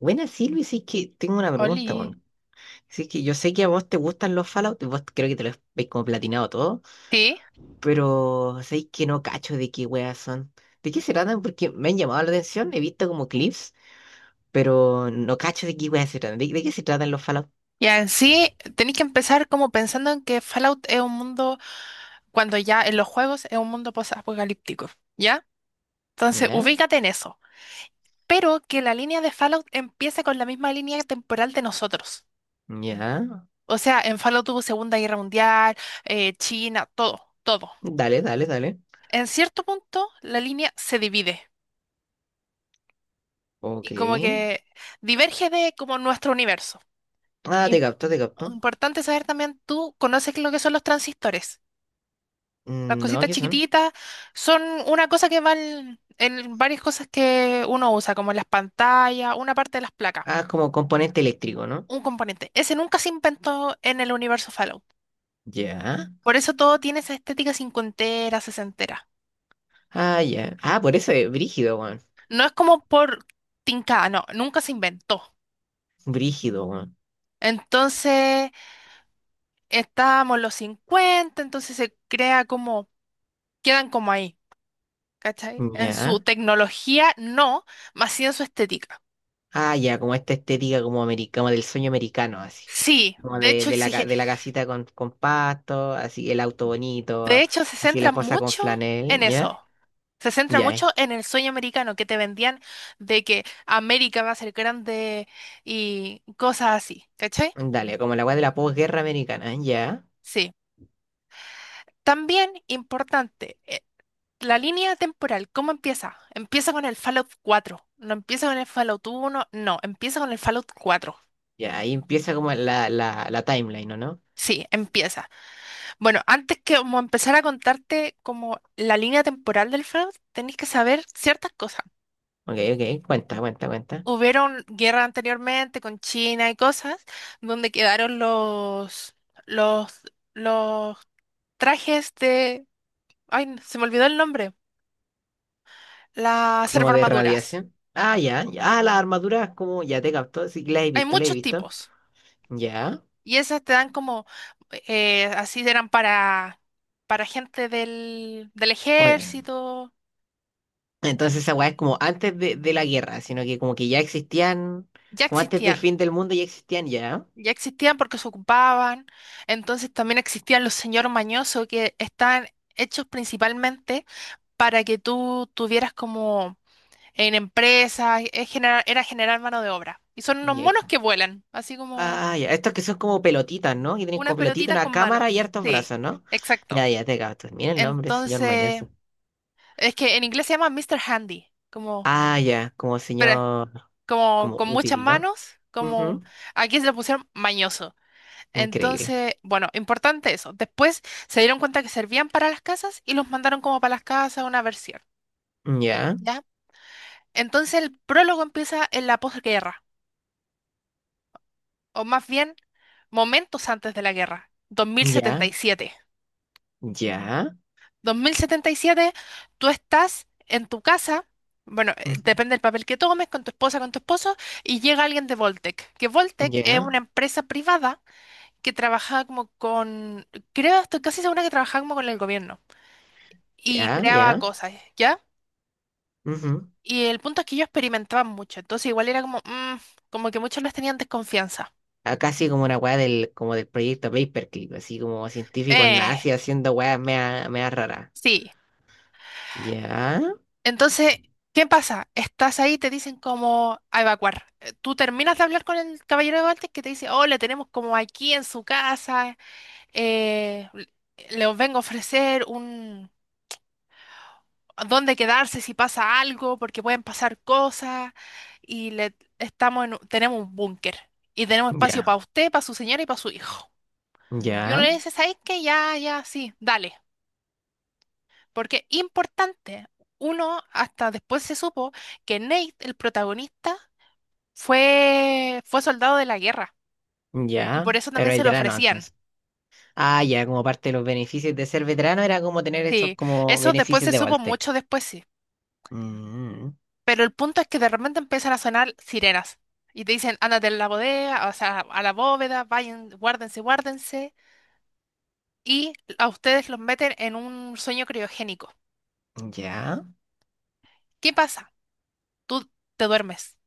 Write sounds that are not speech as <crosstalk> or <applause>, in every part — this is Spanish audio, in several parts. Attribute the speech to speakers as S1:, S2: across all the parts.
S1: Buena, Silvi, sí que tengo una pregunta,
S2: Oli,
S1: Sí que yo sé que a vos te gustan los Fallout, vos creo que te los veis como platinado todo,
S2: sí,
S1: pero sabéis que no cacho de qué weas son. ¿De qué se tratan? Porque me han llamado la atención, he visto como clips, pero no cacho de qué weas se tratan. ¿De qué se tratan los Fallout?
S2: y en sí tenéis que empezar como pensando en que Fallout es un mundo, cuando ya en los juegos es un mundo post-apocalíptico, ¿ya? Entonces,
S1: Ya,
S2: ubícate en eso, pero que la línea de Fallout empiece con la misma línea temporal de nosotros.
S1: ya.
S2: O sea, en Fallout tuvo Segunda Guerra Mundial, China, todo, todo.
S1: Dale, dale, dale.
S2: En cierto punto, la línea se divide
S1: Ok.
S2: y como que diverge de como nuestro universo.
S1: Ah,
S2: Im-
S1: te capto, te capto.
S2: Importante saber también, ¿tú conoces lo que son los transistores? Las
S1: Mm, no,
S2: cositas
S1: ¿qué son?
S2: chiquititas son una cosa que van en varias cosas que uno usa, como las pantallas, una parte de las placas,
S1: Ah, como componente eléctrico, ¿no?
S2: un componente. Ese nunca se inventó en el universo Fallout.
S1: Ya.
S2: Por eso todo tiene esa estética cincuentera, sesentera.
S1: Ah, ya. Ah, por eso es brígido, weón.
S2: No es como por tincada, no, nunca se inventó.
S1: Brígido, weón.
S2: Entonces, estábamos los 50 entonces se crea como, quedan como ahí, ¿cachai? En su
S1: Ya.
S2: tecnología, no, más sí en su estética.
S1: Ah, ya, como esta estética como americana, como del sueño americano, así.
S2: Sí,
S1: Como de, de la, de la casita con pasto, así el auto
S2: De
S1: bonito,
S2: hecho, se
S1: así la
S2: centra
S1: esposa con
S2: mucho
S1: flanel,
S2: en
S1: ¿ya?
S2: eso. Se centra
S1: Ya,
S2: mucho
S1: eh.
S2: en el sueño americano que te vendían de que América va a ser grande y cosas así, ¿cachai?
S1: Dale, como la weá de la posguerra americana, ¿ya?
S2: Sí. También importante, la línea temporal, ¿cómo empieza? Empieza con el Fallout cuatro. No empieza con el Fallout uno. No, empieza con el Fallout cuatro.
S1: Ya, ahí empieza como la timeline, ¿o no?
S2: Sí, empieza. Bueno, antes que como empezar a contarte como la línea temporal del Fallout, tenéis que saber ciertas cosas.
S1: Ok, ok, cuenta, cuenta, cuenta.
S2: Hubieron guerra anteriormente con China y cosas, donde quedaron los, los trajes de... Ay, se me olvidó el nombre. Las
S1: Como de
S2: servoarmaduras.
S1: radiación. Ah, ya, ya, ah, las armaduras, como, ya te captó, sí, las he
S2: Hay
S1: visto, las he
S2: muchos
S1: visto.
S2: tipos.
S1: Ya.
S2: Y esas te dan como... así eran para gente del, del ejército.
S1: Entonces esa weá es como antes de la guerra, sino que como que ya existían,
S2: Ya
S1: como antes del
S2: existían.
S1: fin del mundo ya existían ya.
S2: Ya existían porque se ocupaban. Entonces también existían los señor mañoso que están hechos principalmente para que tú tuvieras como en empresas, era generar mano de obra. Y son unos
S1: Y es
S2: monos que vuelan, así como
S1: ah, ya, estos que son como pelotitas, ¿no? Que tienen
S2: unas
S1: como pelotita
S2: pelotitas
S1: una
S2: con
S1: cámara y
S2: manos.
S1: hartos
S2: Sí,
S1: brazos, ¿no?
S2: exacto.
S1: Ya, ya, te capto. Mira el nombre, señor
S2: Entonces,
S1: Mañoso.
S2: es que en inglés se llama Mister Handy, como,
S1: Ah, ya, como
S2: pero,
S1: señor,
S2: como
S1: como
S2: con muchas
S1: útil, ¿no?
S2: manos, como
S1: Ujú,
S2: aquí se le pusieron mañoso.
S1: increíble.
S2: Entonces, bueno, importante eso. Después se dieron cuenta que servían para las casas y los mandaron como para las casas una versión,
S1: Ya,
S2: ¿ya? Entonces el prólogo empieza en la posguerra, o más bien momentos antes de la guerra,
S1: ya,
S2: 2077.
S1: ya,
S2: 2077, tú estás en tu casa, bueno,
S1: ujú,
S2: depende del papel que tomes, con tu esposa, con tu esposo, y llega alguien de Voltec, que Voltec es
S1: ya,
S2: una empresa privada que trabajaba como con, creo, estoy casi segura que trabajaba como con el gobierno y
S1: ya,
S2: creaba
S1: ya.
S2: cosas, ¿ya?
S1: Ujú.
S2: Y el punto es que ellos experimentaban mucho, entonces igual era como, como que muchos les tenían desconfianza.
S1: A casi como una weá del, como del proyecto Paperclip, así como científicos
S2: Eh,
S1: nazis haciendo weas mea rara.
S2: sí.
S1: Ya,
S2: Entonces, ¿qué pasa? Estás ahí, te dicen como a evacuar. Tú terminas de hablar con el caballero de Baltic que te dice, oh, le tenemos como aquí en su casa, eh, le os vengo a ofrecer un dónde quedarse si pasa algo, porque pueden pasar cosas, y le estamos en, tenemos un búnker. Y tenemos espacio
S1: ya,
S2: para usted, para su señora y para su hijo. Y uno
S1: ya,
S2: le dice, ¿sabes qué? Ya, ya, sí, dale. Porque importante, uno hasta después se supo que Nate, el protagonista, fue soldado de la guerra, y
S1: ya.
S2: por eso
S1: Pero
S2: también se lo
S1: veterano
S2: ofrecían.
S1: entonces. Ah, ya, como parte de los beneficios de ser veterano era como tener estos
S2: Sí,
S1: como
S2: eso después
S1: beneficios
S2: se
S1: de
S2: supo
S1: Voltec.
S2: mucho después, sí.
S1: Mm,
S2: Pero el punto es que de repente empiezan a sonar sirenas y te dicen, ándate a la bodega, o sea, a la bóveda, vayan, guárdense, guárdense. Y a ustedes los meten en un sueño criogénico.
S1: ya,
S2: ¿Qué pasa? Tú te duermes.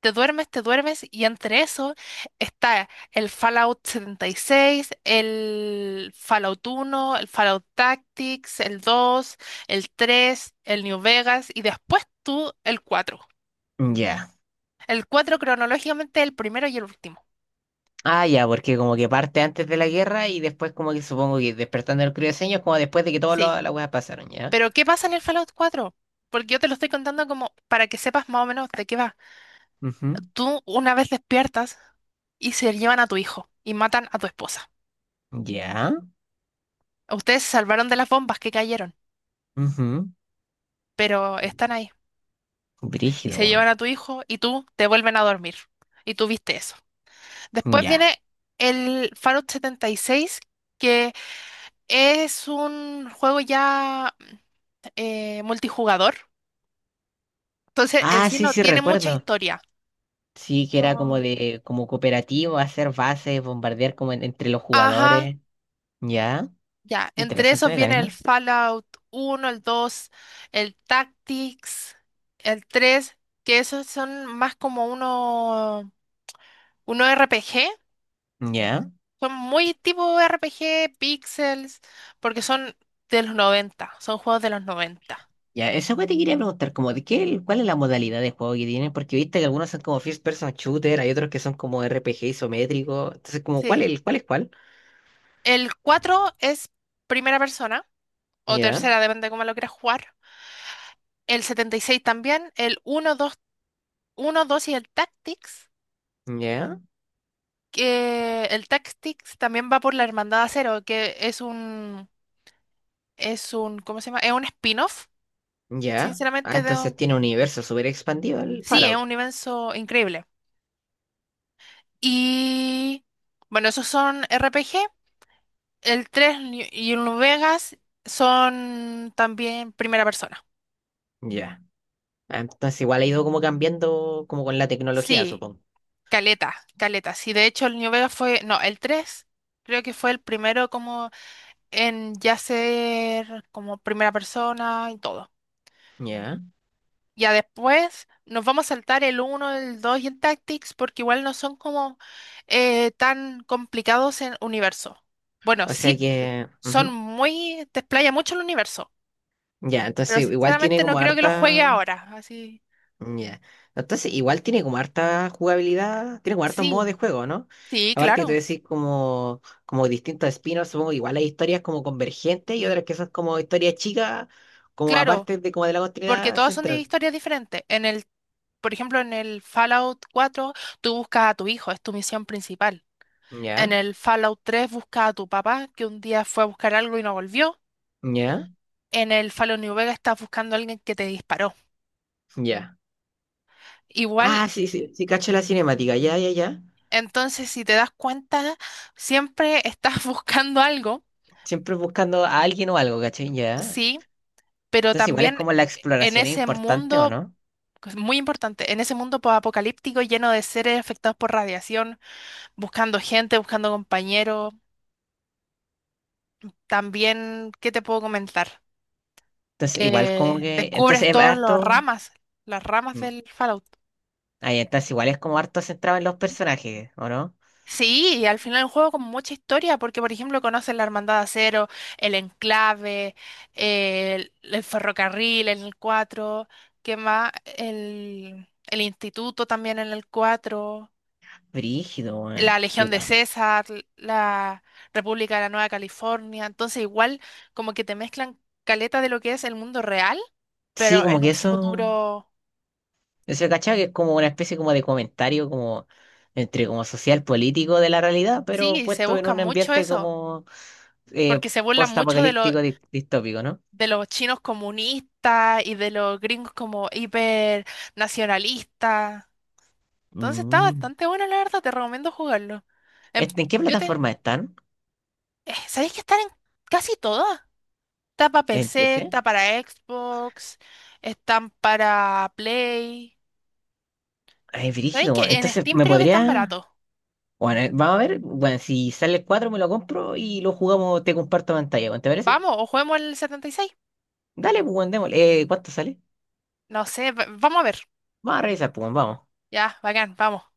S2: Te duermes, te duermes, y entre eso está el Fallout 76, el Fallout 1, el Fallout Tactics, el 2, el 3, el New Vegas, y después tú el 4.
S1: ya.
S2: El 4 cronológicamente el primero y el último.
S1: Ah, ya, porque como que parte antes de la guerra y después como que supongo que despertando el crioseño es como después de que todas
S2: Sí.
S1: las weas pasaron, ¿ya?
S2: Pero ¿qué pasa en el Fallout 4? Porque yo te lo estoy contando como para que sepas más o menos de qué va.
S1: Ujú,
S2: Tú una vez despiertas y se llevan a tu hijo y matan a tu esposa.
S1: ya,
S2: Ustedes se salvaron de las bombas que cayeron,
S1: ujú.
S2: pero están ahí. Y
S1: Brígido,
S2: se llevan
S1: weón.
S2: a tu hijo y tú te vuelven a dormir. Y tú viste eso. Después
S1: Ya.
S2: viene el Fallout 76, que es un juego ya multijugador. Entonces, en
S1: Ah,
S2: sí
S1: sí,
S2: no
S1: sí,
S2: tiene mucha
S1: recuerdo.
S2: historia.
S1: Sí, que era
S2: Como,
S1: como de, como cooperativo, hacer bases, bombardear como entre los
S2: ajá,
S1: jugadores. Ya,
S2: ya. Entre
S1: interesante
S2: esos viene el
S1: mecánica.
S2: Fallout uno, el dos, el Tactics, el tres, que esos son más como uno RPG.
S1: Ya,
S2: Son muy tipo RPG, Pixels, porque son de los noventa, son juegos de los noventa.
S1: ya, eso que te quería preguntar, como de qué, cuál es la modalidad de juego que tienen, porque viste que algunos son como first person shooter, hay otros que son como RPG isométrico. Entonces, como cuál
S2: Sí.
S1: es, cuál es cuál.
S2: El 4 es primera persona, o
S1: Ya,
S2: tercera, depende de cómo lo quieras jugar. El 76 también, el uno dos y el Tactics,
S1: ya,
S2: que el Tactics también va por la Hermandad Acero, que es un, ¿cómo se llama? Es un spin-off,
S1: ya. Ah,
S2: sinceramente,
S1: entonces tiene un universo súper expandido el
S2: sí, es un
S1: Fallout.
S2: universo increíble. Y bueno, esos son RPG. El 3 y el Vegas son también primera persona.
S1: Ya. Ah, entonces igual ha ido como cambiando como con la tecnología,
S2: Sí,
S1: supongo.
S2: caleta, caleta. Sí, de hecho el New Vegas fue, no, el 3 creo que fue el primero como en ya ser como primera persona y todo.
S1: Ya.
S2: Ya después nos vamos a saltar el uno, el 2 y el Tactics porque igual no son como tan complicados en universo. Bueno,
S1: O sea
S2: sí,
S1: que.
S2: son muy, te explaya mucho el universo,
S1: Ya, entonces
S2: pero
S1: igual tiene
S2: sinceramente no
S1: como
S2: creo que lo juegue
S1: harta.
S2: ahora, así.
S1: Ya. Entonces igual tiene como harta jugabilidad, tiene como hartos modos
S2: Sí,
S1: de juego, ¿no?
S2: sí,
S1: Aparte que tú
S2: claro,
S1: decís como, como distintos spin supongo que igual hay historias como convergentes y otras que son como historias chicas, como
S2: claro,
S1: aparte de como de la
S2: porque
S1: continuidad
S2: todos son de
S1: central.
S2: historias diferentes. En el, por ejemplo, en el Fallout 4, tú buscas a tu hijo, es tu misión principal. En
S1: Ya,
S2: el Fallout 3 buscas a tu papá, que un día fue a buscar algo y no volvió.
S1: ya,
S2: En el Fallout New Vegas estás buscando a alguien que te disparó.
S1: ya.
S2: Igual,
S1: Ah, sí, sí, sí, cacho la cinemática, ya, ya, ya.
S2: entonces, si te das cuenta, siempre estás <laughs> buscando algo,
S1: Siempre buscando a alguien o algo, ¿cachai? Ya.
S2: sí, pero
S1: Entonces igual es
S2: también
S1: como la
S2: en
S1: exploración es
S2: ese
S1: importante, ¿o
S2: mundo,
S1: no?
S2: que es muy importante, en ese mundo apocalíptico lleno de seres afectados por radiación, buscando gente, buscando compañeros. También, ¿qué te puedo comentar?
S1: Entonces igual como que.
S2: Descubres
S1: Entonces es
S2: todas
S1: harto.
S2: las ramas del Fallout.
S1: Ahí entonces igual es como harto centrado en los personajes, ¿o no?
S2: Sí, y al final el juego con mucha historia, porque por ejemplo conoces la Hermandad de Acero, el Enclave, el ferrocarril en el cuatro, ¿qué más? El instituto también en el cuatro,
S1: Brígido,
S2: la
S1: weón.
S2: Legión de
S1: Igual.
S2: César, la República de la Nueva California. Entonces, igual como que te mezclan caleta de lo que es el mundo real,
S1: Sí,
S2: pero
S1: como
S2: en
S1: que
S2: un
S1: eso,
S2: futuro.
S1: eso cachado que es como una especie como de comentario como entre como social político de la realidad, pero
S2: Sí, se
S1: puesto en
S2: busca
S1: un
S2: mucho
S1: ambiente
S2: eso,
S1: como eh,
S2: porque se burlan mucho de lo-
S1: post-apocalíptico distópico, ¿no?
S2: de los chinos comunistas y de los gringos como hiper nacionalistas. Entonces está
S1: Mm.
S2: bastante bueno, la verdad, te recomiendo jugarlo. Em,
S1: Este, ¿en qué
S2: yo te,
S1: plataforma están?
S2: ¿sabéis que están en casi todas? Está para
S1: ¿En
S2: PC,
S1: PC?
S2: está para Xbox, están para Play.
S1: Ay,
S2: ¿Sabéis
S1: brígido,
S2: que
S1: weón.
S2: en
S1: Entonces,
S2: Steam
S1: ¿me
S2: creo que están
S1: podría...?
S2: baratos?
S1: Bueno, vamos a ver, bueno, si sale el 4 me lo compro y lo jugamos, te comparto pantalla, weón, ¿te parece?
S2: Vamos, ¿o juguemos el 76?
S1: Dale, pues, weón, démosle. ¿Cuánto sale?
S2: No sé, vamos a ver.
S1: Bara i pues, vamos.
S2: Ya, bacán, vamos.